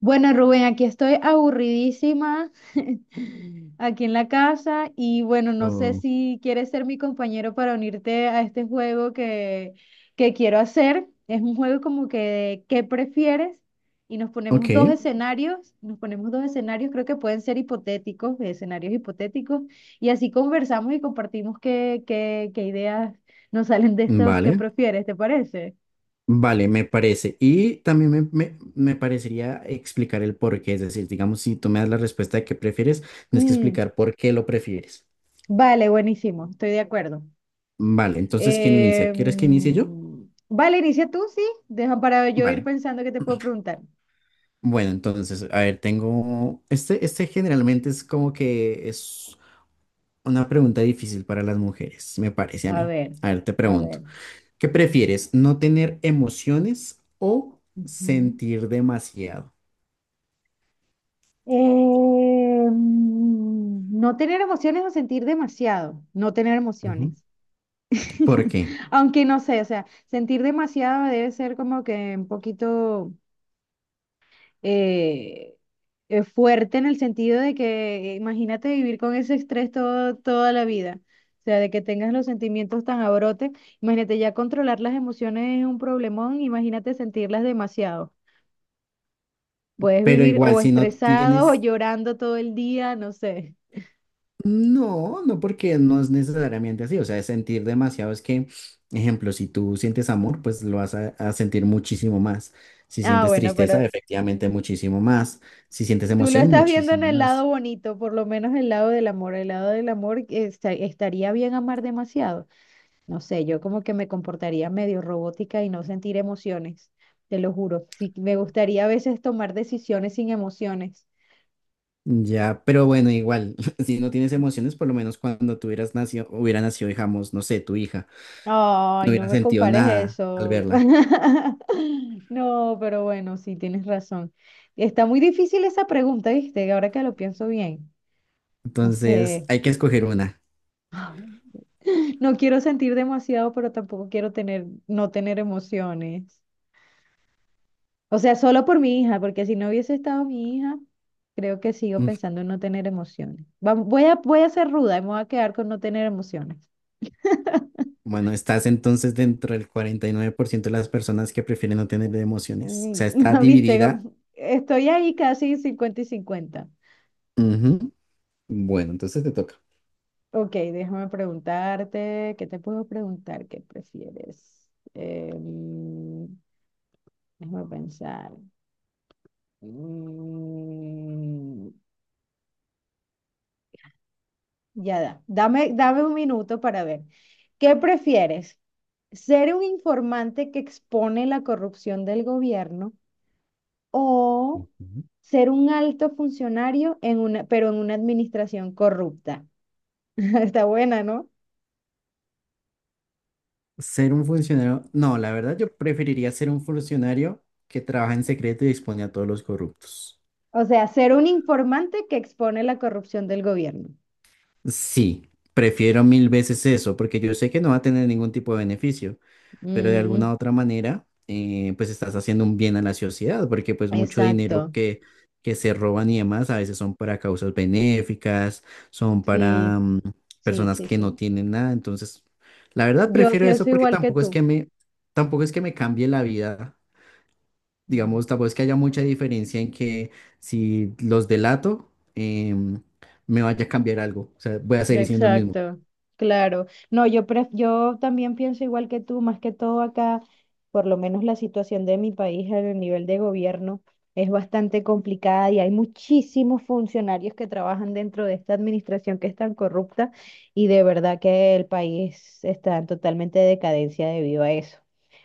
Bueno, Rubén, aquí estoy aburridísima, aquí en la casa, y bueno, no sé Oh, si quieres ser mi compañero para unirte a este juego que quiero hacer. Es un juego como que de qué prefieres, y nos ponemos ok, dos escenarios, creo que pueden ser hipotéticos, de escenarios hipotéticos, y así conversamos y compartimos qué ideas nos salen de estos qué vale, prefieres, ¿te parece? vale, me parece. Y también me parecería explicar el por qué, es decir, digamos, si tú me das la respuesta de qué prefieres, tienes que Mm, explicar por qué lo prefieres. vale, buenísimo, estoy de acuerdo. Vale, entonces, ¿quién Eh, inicia? ¿Quieres que inicie yo? vale, inicia tú, sí. Deja para yo ir Vale, pensando qué te puedo preguntar. bueno, entonces, a ver, tengo, este generalmente es como que es una pregunta difícil para las mujeres, me parece a A mí. ver, A ver, te a pregunto, ver. ¿qué prefieres? ¿No tener emociones o Ujú. sentir demasiado? ¿No tener emociones o sentir demasiado? No tener Ujú. emociones. ¿Por qué? Aunque no sé, o sea, sentir demasiado debe ser como que un poquito eh, fuerte, en el sentido de que imagínate vivir con ese estrés toda la vida. O sea, de que tengas los sentimientos tan a brote. Imagínate, ya controlar las emociones es un problemón, imagínate sentirlas demasiado. Puedes Pero vivir igual o si no estresado o tienes, llorando todo el día, no sé. No porque no es necesariamente así, o sea, es sentir demasiado es que, ejemplo, si tú sientes amor, pues lo vas a sentir muchísimo más. Si Ah, sientes bueno, tristeza, pero efectivamente muchísimo más. Si sientes tú lo emoción, estás viendo en muchísimo el lado más. bonito, por lo menos el lado del amor. El lado del amor, estaría bien amar demasiado. No sé, yo como que me comportaría medio robótica y no sentir emociones, te lo juro. Sí, me gustaría a veces tomar decisiones sin emociones. Ya, pero bueno, igual, si no tienes emociones, por lo menos cuando tú hubieras nacido, hubiera nacido, digamos, no sé, tu hija, no Ay, no hubiera me sentido compares nada al eso. verla. No, pero bueno, sí, tienes razón. Está muy difícil esa pregunta, ¿viste? Ahora que lo pienso bien. No Entonces, sé. hay que escoger una. No quiero sentir demasiado, pero tampoco quiero no tener emociones. O sea, solo por mi hija, porque si no hubiese estado mi hija, creo que sigo pensando en no tener emociones. Voy a ser ruda y me voy a quedar con no tener emociones. Bueno, estás entonces dentro del 49% de las personas que prefieren no tener emociones. O sea, Mm. está ¿No viste? dividida. Estoy ahí casi 50 y 50. Ujú. Bueno, entonces te toca. Ok, déjame preguntarte, ¿qué te puedo preguntar? ¿Qué prefieres? Em, Déjame pensar. Mm, ya da. Dame un minuto para ver. ¿Qué prefieres? ¿Ser un informante que expone la corrupción del gobierno o Ujú. ser un alto funcionario en una, pero en una administración corrupta? Está buena, ¿no? Ser un funcionario. No, la verdad yo preferiría ser un funcionario que trabaja en secreto y expone a todos los corruptos. O sea, ser un informante que expone la corrupción del gobierno. Sí, prefiero mil veces eso, porque yo sé que no va a tener ningún tipo de beneficio. Pero de Mm, alguna otra manera, pues estás haciendo un bien a la sociedad, porque pues mucho dinero exacto. Que se roban y demás a veces son para causas benéficas, son para Sí, mm, sí, personas sí, que no sí. tienen nada, entonces la verdad Yo prefiero eso pienso porque igual que tú. Tampoco es que me cambie la vida, Mm. digamos, tampoco es que haya mucha diferencia en que si los delato, em, me vaya a cambiar algo, o sea, voy a seguir siendo el mismo. Exacto, claro. No, yo también pienso igual que tú, más que todo acá, por lo menos la situación de mi país en el nivel de gobierno es bastante complicada y hay muchísimos funcionarios que trabajan dentro de esta administración que es tan corrupta, y de verdad que el país está en totalmente decadencia debido a eso.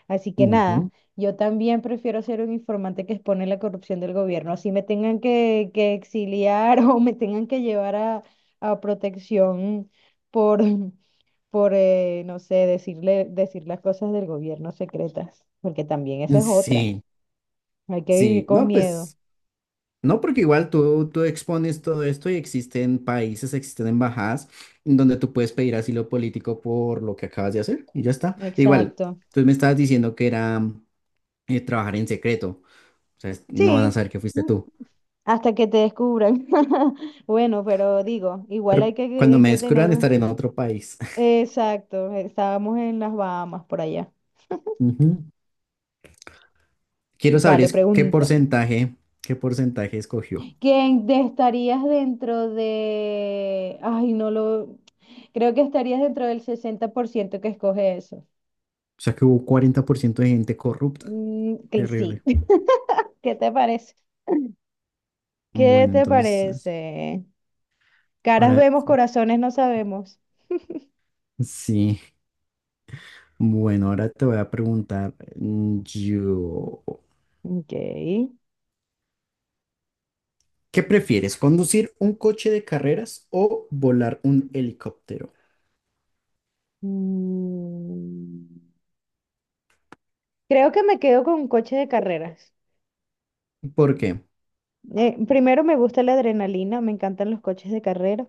Así que nada, Ujú. yo también prefiero ser un informante que expone la corrupción del gobierno, así me tengan que exiliar o me tengan que llevar a protección por, por no sé, decirle, decir las cosas del gobierno secretas, porque también esa es otra. Sí, Hay que vivir sí, con no, miedo. pues... No, porque igual tú expones todo esto y existen países, existen embajadas en donde tú puedes pedir asilo político por lo que acabas de hacer y ya está. Igual, Exacto. tú me estabas diciendo que era trabajar en secreto, o sea, es- no van a Sí, saber que fuiste mm, tú, hasta que te descubran. Bueno, pero digo, igual pero cuando hay me que tener... descubran estaré en otro país. Exacto, estábamos en las Bahamas por allá. Ujú. Quiero saber Vale, es pregúntame. Qué porcentaje escogió. ¿Quién te estarías dentro de... Ay, no lo... Creo que estarías dentro del 60% que escoge eso. O sea, que hubo 40% de gente corrupta. Mm, que sí. Terrible. ¿Qué te parece? ¿Qué Bueno, te entonces, parece? Caras ahora vemos, corazones no sabemos. sí. Bueno, ahora te voy a preguntar mm, yo, Ok. ¿qué prefieres, conducir un coche de carreras o volar un helicóptero? Mm, creo que me quedo con un coche de carreras. ¿Por qué? Primero me gusta la adrenalina, me encantan los coches de carrera.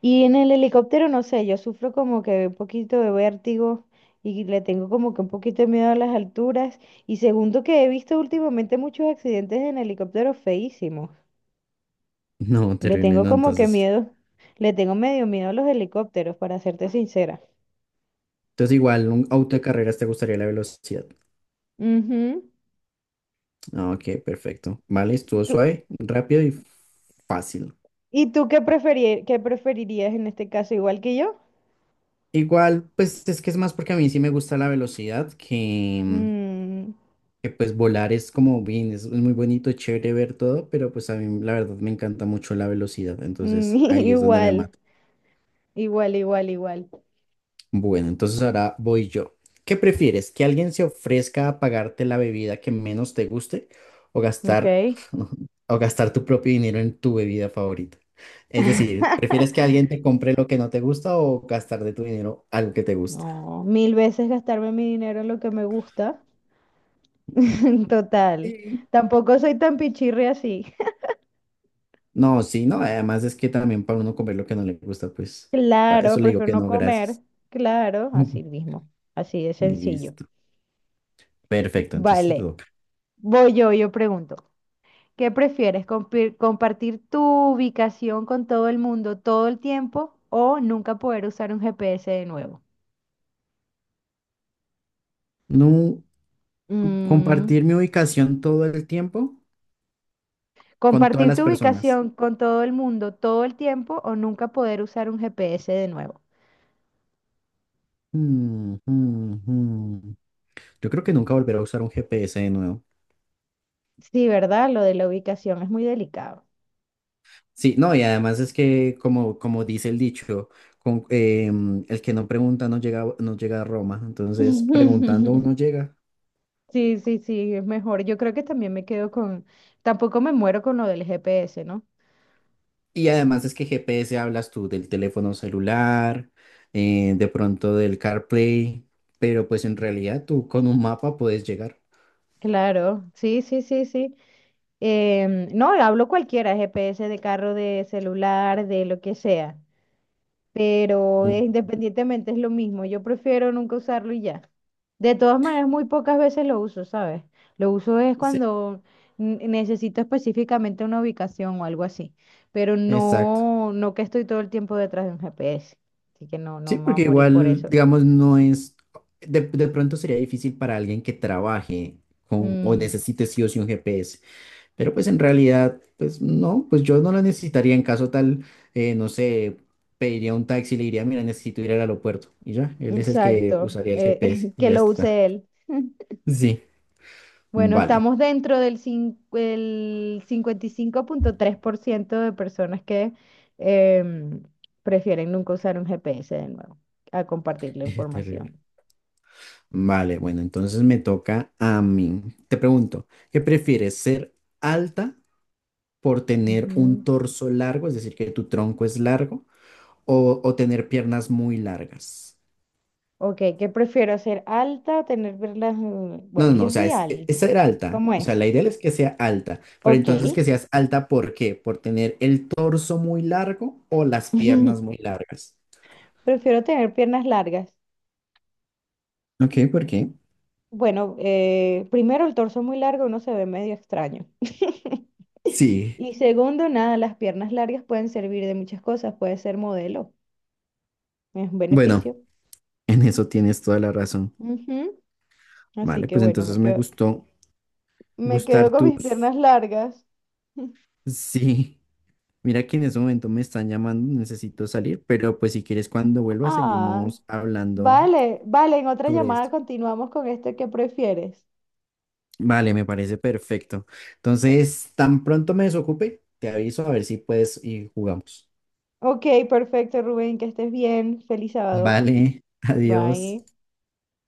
Y en el helicóptero, no sé, yo sufro como que un poquito de vértigo y le tengo como que un poquito de miedo a las alturas. Y segundo que he visto últimamente muchos accidentes en helicópteros feísimos. No, Le terrible, tengo no, como que entonces. miedo, le tengo medio miedo a los helicópteros, para serte sincera. Entonces igual, un auto de carreras te gustaría la velocidad. Ujú. Ah, ok, perfecto. Vale, estuvo ¿Tú- suave, rápido y fácil. ¿Y tú qué preferirías en este caso, igual que yo? Igual, pues es que es más porque a mí sí me gusta la velocidad que, mm, Mm, que pues volar es como bien, es muy bonito, es chévere ver todo, pero pues a mí la verdad me encanta mucho la velocidad, mm, entonces ahí es donde me igual, mato. Igual. Bueno, entonces ahora voy yo. ¿Qué prefieres? ¿Que alguien se ofrezca a pagarte la bebida que menos te guste o Ok. gastar, o gastar tu propio dinero en tu bebida favorita? Es decir, ¿prefieres que alguien te compre lo que no te gusta o gastar de tu dinero algo que te gusta? No, mil veces gastarme mi dinero en lo que me gusta. Total. Sí. Tampoco soy tan pichirre así. No, sí, no, además es que también para uno comer lo que no le gusta, pues para eso Claro, le digo prefiero que no no, comer. gracias. Claro, así mismo. Así de sencillo. Listo. Perfecto, entonces te Vale. toca. Yo pregunto. ¿Qué prefieres? ¿Compartir tu ubicación con todo el mundo todo el tiempo o nunca poder usar un GPS de nuevo? No Mm, compartir mi ubicación todo el tiempo con todas ¿compartir las tu personas. ubicación con todo el mundo todo el tiempo o nunca poder usar un GPS de nuevo? Mm, mm, mm. Yo creo que nunca volveré a usar un GPS de nuevo. Sí, ¿verdad? Lo de la ubicación es muy delicado. Sí, no, y además es que como, como dice el dicho, con, el que no pregunta no llega, no llega a Roma. Entonces, preguntando uno llega. Sí, sí, sí, es mejor. Yo creo que también me quedo con... Tampoco me muero con lo del GPS, ¿no? Y además es que GPS hablas tú del teléfono celular, de pronto del CarPlay, pero pues en realidad tú con un mapa puedes llegar. Claro, sí, sí, sí, sí. No, hablo cualquiera, GPS de carro, de celular, de lo que sea, pero independientemente es lo mismo, yo prefiero nunca usarlo y ya. De todas maneras, muy pocas veces lo uso, ¿sabes? Lo uso es Sí, cuando necesito específicamente una ubicación o algo así, pero exacto. No que estoy todo el tiempo detrás de un GPS, así que no, no Sí, me voy a porque morir por igual, eso. digamos, no es, de pronto sería difícil para alguien que trabaje con, o Mm, necesite sí o sí un GPS, pero pues en realidad, pues no, pues yo no lo necesitaría en caso tal, no sé, pediría un taxi y le diría, mira, necesito ir al aeropuerto y ya, él es el que exacto, usaría el GPS y que ya lo está. use él. Sí, Bueno, vale, estamos dentro del cin- el 55,3% de personas que em, prefieren nunca usar un GPS de nuevo a compartir la terrible. información. Vale, bueno, entonces me toca a mí. Te pregunto, ¿qué prefieres, ser alta por tener un Ujú. torso largo, es decir, que tu tronco es largo, o tener piernas muy largas? Ok, ¿qué prefiero? ¿Ser alta o tener verlas? No, no, Bueno, no, o yo sea, soy es alta. ser alta. ¿Cómo O sea, es? la idea es que sea alta, pero Ok. entonces que seas alta, ¿por qué? ¿Por tener el torso muy largo o las piernas muy largas? Prefiero tener piernas largas. Ok, ¿por qué? Bueno, primero el torso muy largo uno se ve medio extraño. Sí, Y segundo, nada, las piernas largas pueden servir de muchas cosas, puede ser modelo, es un bueno, beneficio. en eso tienes toda la razón. Ujú. Así Vale, que pues bueno, entonces me gustó me quedo gustar con mis tus... piernas largas. Sí, mira que en ese momento me están llamando, necesito salir, pero pues si quieres cuando vuelva Ah, seguimos hablando vale, vale, en otra sobre llamada esto. continuamos con este que prefieres. Vale, me parece perfecto. Entonces, tan pronto me desocupe, te aviso a ver si puedes y jugamos. Ok, perfecto, Rubén, que estés bien. Feliz sábado. Vale, adiós. Bye.